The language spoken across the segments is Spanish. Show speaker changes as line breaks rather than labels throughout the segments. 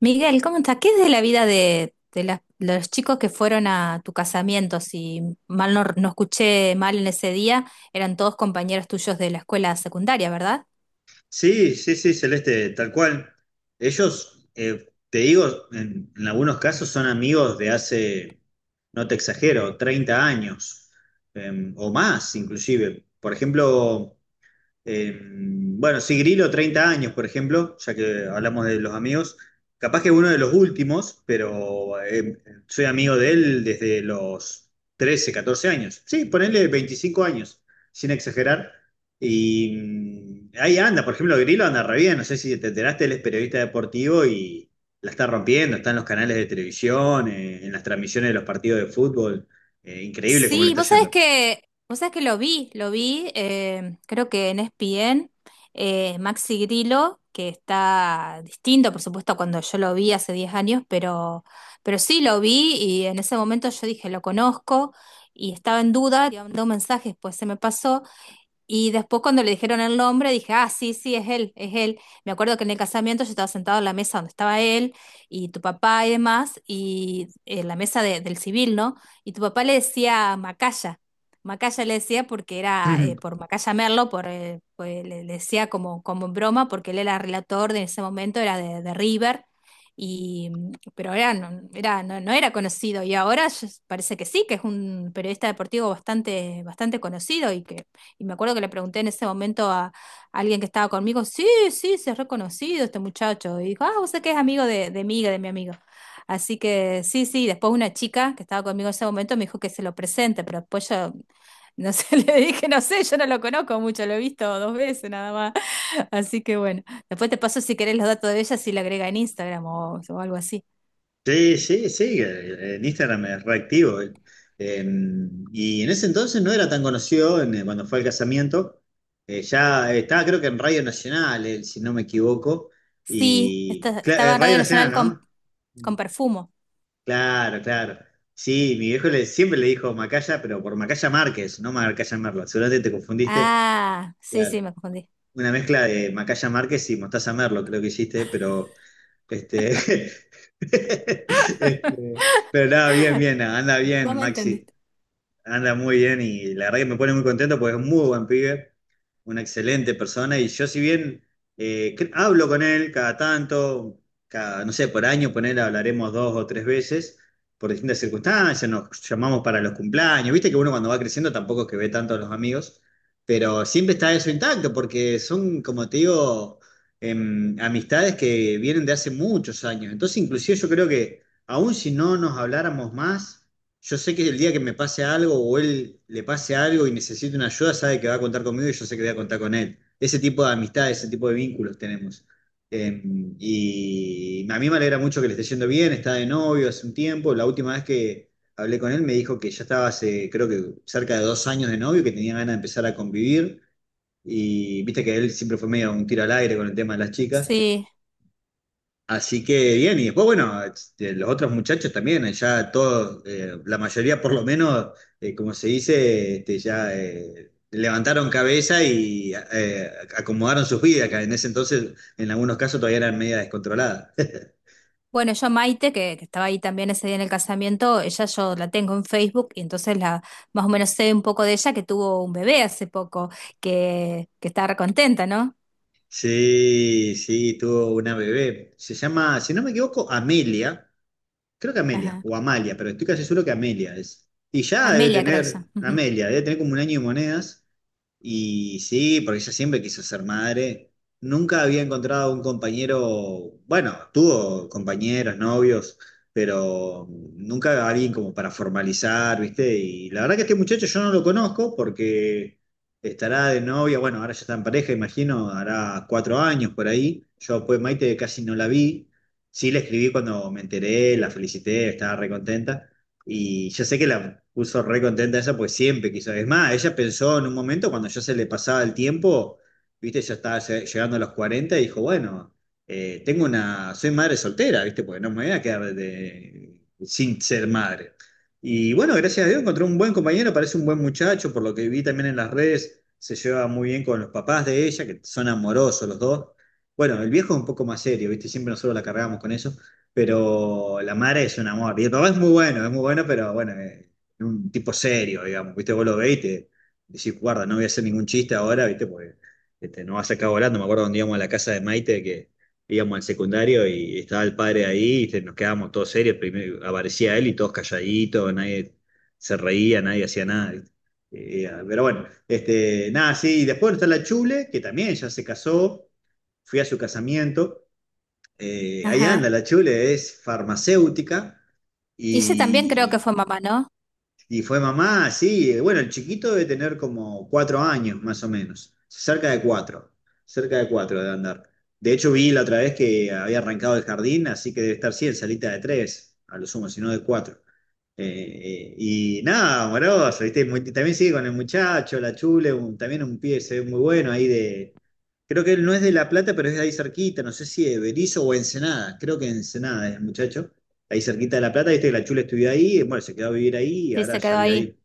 Miguel, ¿cómo estás? ¿Qué es de la vida de los chicos que fueron a tu casamiento? Si mal no escuché mal en ese día, eran todos compañeros tuyos de la escuela secundaria, ¿verdad?
Sí, sí, sí, Celeste, tal cual. Ellos, te digo, en algunos casos son amigos de hace, no te exagero, 30 años, o más inclusive. Por ejemplo, bueno, sí, Grillo, 30 años, por ejemplo, ya que hablamos de los amigos. Capaz que uno de los últimos, pero soy amigo de él desde los 13, 14 años. Sí, ponele 25 años, sin exagerar. Y ahí anda, por ejemplo, Grillo anda re bien. No sé si te enteraste, él es periodista deportivo y la está rompiendo. Está en los canales de televisión, en las transmisiones de los partidos de fútbol. Increíble cómo le
Sí,
está
vos sabés
yendo.
que, vos sabés que lo vi, creo que en ESPN, Maxi Grillo, que está distinto, por supuesto, a cuando yo lo vi hace 10 años, pero sí lo vi y en ese momento yo dije, lo conozco y estaba en duda, y mandé un mensaje, después se me pasó. Y después cuando le dijeron el nombre, dije, ah, sí, sí, es él, es él. Me acuerdo que en el casamiento yo estaba sentado en la mesa donde estaba él y tu papá y demás, y en la mesa del civil, ¿no? Y tu papá le decía Macaya. Macaya le decía porque era por Macaya Merlo, le decía como, como en broma, porque él era relator de ese momento, era de River, y, pero era, no, no era conocido. Parece que sí, que es un periodista deportivo bastante, bastante conocido. Y me acuerdo que le pregunté en ese momento a alguien que estaba conmigo, sí, sí, se ha reconocido este muchacho. Y dijo, ah, vos sé que es amigo de mi amigo. Así que sí, sí, después una chica que estaba conmigo en ese momento me dijo que se lo presente, pero después yo, no sé, le dije, no sé, yo no lo conozco mucho, lo he visto dos veces nada más. Así que bueno, después te paso si querés los datos de ella, si la agrega en Instagram o algo así.
Sí, sí, sí, en Instagram es reactivo. Eh, y en ese entonces no era tan conocido cuando fue al casamiento. Ya estaba creo que en Radio Nacional, él, si no me equivoco.
Sí,
Y
estaba en
Radio
Radio
Nacional,
Nacional
¿no?
con Perfumo.
Claro, claro. Sí, mi viejo le, siempre le dijo Macaya, pero por Macaya Márquez, no Macaya Merlo. Seguramente te confundiste.
Ah, sí, sí,
Claro.
me confundí.
Una mezcla de Macaya Márquez y Mostaza Merlo, creo que hiciste, pero este, pero nada, bien, bien, anda
Vos
bien,
me
Maxi.
entendiste.
Anda muy bien y la verdad que me pone muy contento porque es un muy buen pibe, una excelente persona, y yo si bien hablo con él cada tanto, cada, no sé, por año con él hablaremos dos o tres veces por distintas circunstancias, nos llamamos para los cumpleaños, viste que uno cuando va creciendo tampoco es que ve tanto a los amigos, pero siempre está eso intacto porque son, como te digo, amistades que vienen de hace muchos años, entonces inclusive yo creo que aun si no nos habláramos más, yo sé que el día que me pase algo o él le pase algo y necesite una ayuda, sabe que va a contar conmigo y yo sé que voy a contar con él. Ese tipo de amistad, ese tipo de vínculos tenemos. Eh, y a mí me alegra mucho que le esté yendo bien, está de novio hace un tiempo. La última vez que hablé con él me dijo que ya estaba hace, creo que cerca de 2 años de novio, que tenía ganas de empezar a convivir. Y viste que él siempre fue medio un tiro al aire con el tema de las chicas.
Sí.
Así que bien, y después, bueno, los otros muchachos también, ya todos, la mayoría por lo menos, como se dice, ya levantaron cabeza y acomodaron sus vidas, que en ese entonces, en algunos casos, todavía eran media descontroladas.
Bueno, yo a Maite, que estaba ahí también ese día en el casamiento, ella yo la tengo en Facebook y entonces la más o menos sé un poco de ella, que tuvo un bebé hace poco, que estaba recontenta, ¿no?
Sí, sí, tuvo una bebé. Se llama, si no me equivoco, Amelia. Creo que Amelia,
Ajá.
o Amalia, pero estoy casi seguro que Amelia es. Y ya debe
Amelia creo que se
tener,
llama. Ujú.
Amelia, debe tener como un año y monedas. Y sí, porque ella siempre quiso ser madre. Nunca había encontrado un compañero, bueno, tuvo compañeros, novios, pero nunca alguien como para formalizar, ¿viste? Y la verdad que este muchacho yo no lo conozco porque estará de novia, bueno, ahora ya está en pareja, imagino, hará 4 años por ahí. Yo pues Maite casi no la vi. Sí, la escribí cuando me enteré, la felicité, estaba recontenta y yo sé que la puso re contenta ella, pues siempre quiso. Es más, ella pensó en un momento cuando ya se le pasaba el tiempo, viste, ya estaba llegando a los 40 y dijo, bueno, tengo una, soy madre soltera, viste, porque no me voy a quedar sin ser madre. Y bueno, gracias a Dios encontró un buen compañero, parece un buen muchacho, por lo que vi también en las redes, se lleva muy bien con los papás de ella, que son amorosos los dos. Bueno, el viejo es un poco más serio, viste, siempre nosotros la cargamos con eso, pero la madre es un amor. Y el papá es muy bueno, pero bueno, un tipo serio, digamos. Viste, vos lo veis y te decís, guarda, no voy a hacer ningún chiste ahora, viste, porque no vas a sacar volando. Me acuerdo cuando íbamos a la casa de Maite, que íbamos al secundario y estaba el padre ahí, y nos quedábamos todos serios. Primero aparecía él y todos calladitos, nadie se reía, nadie hacía nada. ¿Viste? Pero bueno, nada, sí, después está la Chule, que también ya se casó, fui a su casamiento. Ahí
Ajá.
anda, la Chule es farmacéutica
Y ella también creo que
y
fue mamá, ¿no?
fue mamá, sí. Bueno, el chiquito debe tener como 4 años, más o menos. Cerca de cuatro. Cerca de cuatro debe andar. De hecho, vi la otra vez que había arrancado el jardín, así que debe estar, sí, en salita de tres, a lo sumo, si no de cuatro. Y nada, amoroso, ¿viste? También sigue con el muchacho, la chule, también un pie se ve muy bueno ahí de. Creo que él no es de La Plata, pero es de ahí cerquita, no sé si de Berizo o Ensenada, creo que Ensenada es el muchacho ahí cerquita de La Plata, viste que la Chula estudió ahí, bueno, se quedó a vivir ahí y
Sí,
ahora
se
ya
quedó
vive
ahí.
ahí.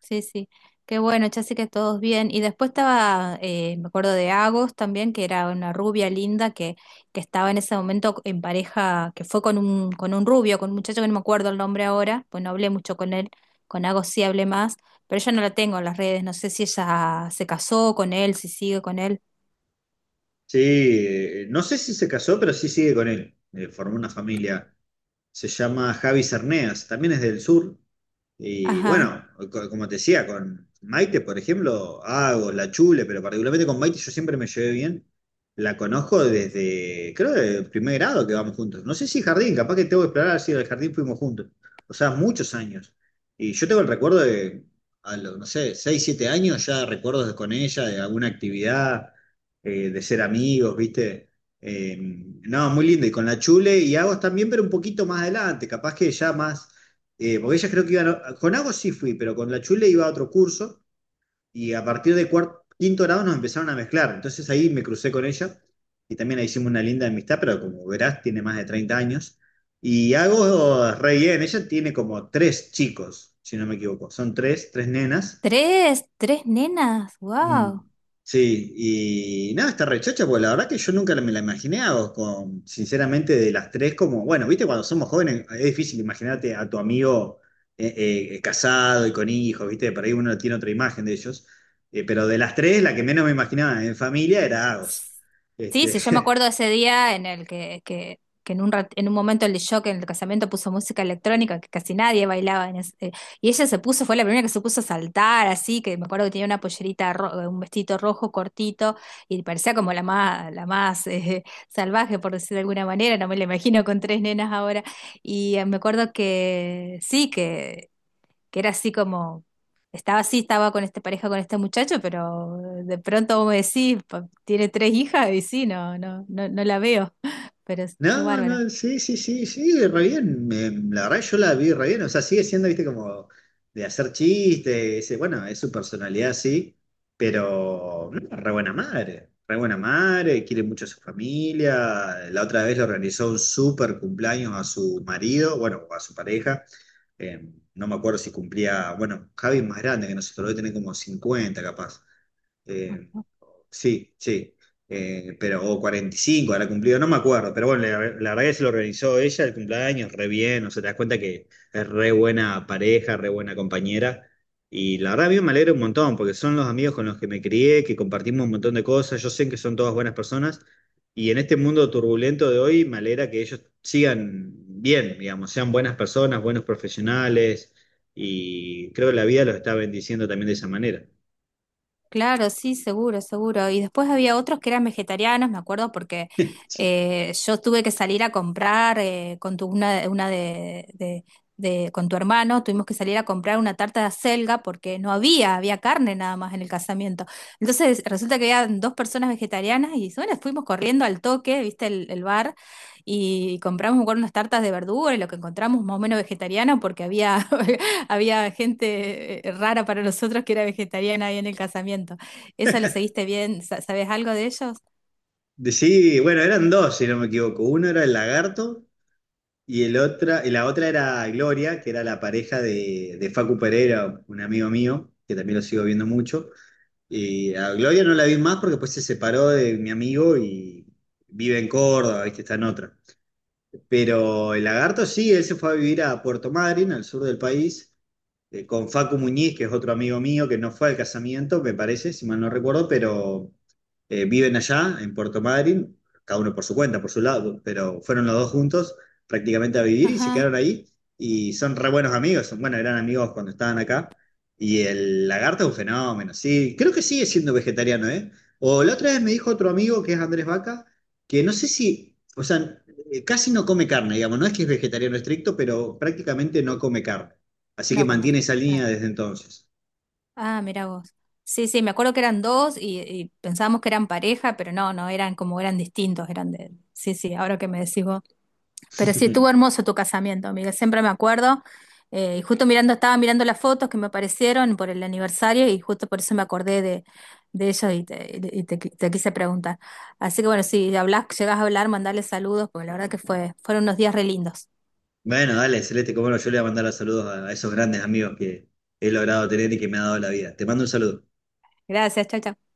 Sí, sí. Qué bueno, ya sé que todos bien. Y después estaba, me acuerdo de Agos también, que era una rubia linda que estaba en ese momento en pareja, que fue con un rubio, con un muchacho que no me acuerdo el nombre ahora, pues no hablé mucho con él, con Agos sí hablé más, pero yo no la tengo en las redes, no sé si ella se casó con él, si sigue con él.
Sí, no sé si se casó, pero sí sigue con él. Formó una familia. Se llama Javi Cerneas, también es del sur. Y
Ajá.
bueno, como te decía, con Maite, por ejemplo, hago la chule, pero particularmente con Maite yo siempre me llevé bien. La conozco desde, creo, el primer grado que vamos juntos. No sé si jardín, capaz que tengo que explorar si del jardín fuimos juntos. O sea, muchos años. Y yo tengo el recuerdo de, a los, no sé, 6, 7 años, ya recuerdos con ella, de alguna actividad, de ser amigos, ¿viste? No, muy lindo. Y con la Chule y Agos también, pero un poquito más adelante, capaz que ya más. Porque ellas creo que iban. Con Agos sí fui, pero con la Chule iba a otro curso, y a partir de cuarto, quinto grado nos empezaron a mezclar. Entonces ahí me crucé con ella y también ahí hicimos una linda amistad, pero como verás, tiene más de 30 años. Y Agos, re bien, ella tiene como tres chicos, si no me equivoco. Son tres, tres nenas.
Tres, tres nenas, wow.
Mm, sí, y nada, esta rechacha, pues la verdad que yo nunca me la imaginé, a vos, con, sinceramente, de las tres, como, bueno, viste, cuando somos jóvenes es difícil imaginarte a tu amigo casado y con hijos, viste, por ahí uno tiene otra imagen de ellos. Pero de las tres, la que menos me imaginaba en familia era Agos.
Sí, sí, yo me
Este,
acuerdo de ese día en el que en un, en un momento el shock en el casamiento puso música electrónica, que casi nadie bailaba en y ella se puso, fue la primera que se puso a saltar, así, que me acuerdo que tenía una pollerita, un vestido rojo cortito, y parecía como la más salvaje, por decir de alguna manera. No me la imagino con tres nenas ahora. Y me acuerdo que sí, que era así como, estaba así, estaba con esta pareja, con este muchacho, pero de pronto vos me decís, Tiene tres hijas". Y sí, no, no, no, no la veo, pero qué
No,
bárbara.
no, sí, sí, sí, sí, re bien. La verdad yo la vi re bien. O sea, sigue siendo, viste, como de hacer chistes. Bueno, es su personalidad, sí, pero no, re buena madre. Re buena madre, quiere mucho a su familia. La otra vez le organizó un super cumpleaños a su marido, bueno, a su pareja. eh, no me acuerdo si cumplía, bueno, Javi es más grande que nosotros, debe tener como 50 capaz. eh, Sí, sí. Pero, o 45 ahora cumplido, no me acuerdo. Pero bueno, la verdad que se lo organizó ella el cumpleaños, re bien. O sea, te das cuenta que es re buena pareja, re buena compañera. Y la verdad, a mí me alegra un montón, porque son los amigos con los que me crié, que compartimos un montón de cosas. Yo sé que son todas buenas personas. Y en este mundo turbulento de hoy, me alegra que ellos sigan bien, digamos, sean buenas personas, buenos profesionales. Y creo que la vida los está bendiciendo también de esa manera.
Claro, sí, seguro, seguro. Y después había otros que eran vegetarianos, me acuerdo, porque yo tuve que salir a comprar, con tu, una de- con tu hermano, tuvimos que salir a comprar una tarta de acelga porque no había, había carne nada más en el casamiento. Entonces resulta que había dos personas vegetarianas y bueno, fuimos corriendo al toque, viste el bar, y compramos, me acuerdo, unas tartas de verdura y lo que encontramos más o menos vegetariano, porque había había gente rara para nosotros, que era vegetariana ahí en el casamiento. ¿Eso lo seguiste bien? ¿Sabes algo de ellos?
Sí, bueno, eran dos, si no me equivoco. Uno era el lagarto y, la otra era Gloria, que era la pareja de Facu Pereira, un amigo mío, que también lo sigo viendo mucho. Y a Gloria no la vi más porque después se separó de mi amigo y vive en Córdoba, ¿viste? Está en otra. Pero el lagarto sí, él se fue a vivir a Puerto Madryn, al sur del país, con Facu Muñiz, que es otro amigo mío que no fue al casamiento, me parece, si mal no recuerdo, pero viven allá, en Puerto Madryn, cada uno por su cuenta, por su lado, pero fueron los dos juntos prácticamente a vivir y se
Ajá.
quedaron ahí, y son re buenos amigos, son, bueno, eran amigos cuando estaban acá. Y el lagarto es un fenómeno, sí, creo que sigue siendo vegetariano, ¿eh? O la otra vez me dijo otro amigo que es Andrés Vaca, que no sé si, o sea, casi no come carne, digamos, no es que es vegetariano estricto, pero prácticamente no come carne. Así que
No comen
mantiene
carne,
esa
claro.
línea desde entonces.
Ah, mira vos. Sí, sí, me acuerdo que eran dos y pensábamos que eran pareja, pero no, no, eran como eran distintos, eran de... Sí, sí, ahora que me decís vos. Pero sí, estuvo hermoso tu casamiento, amiga, siempre me acuerdo. Y justo mirando, estaba mirando las fotos que me aparecieron por el aniversario y justo por eso me acordé de ellos y, te quise preguntar. Así que bueno, si hablas, llegas a hablar, mandarles saludos, porque la verdad que fueron unos días re lindos.
Bueno, dale, Celeste, como no, yo le voy a mandar los saludos a esos grandes amigos que he logrado tener y que me ha dado la vida. Te mando un saludo.
Gracias, chao, chao.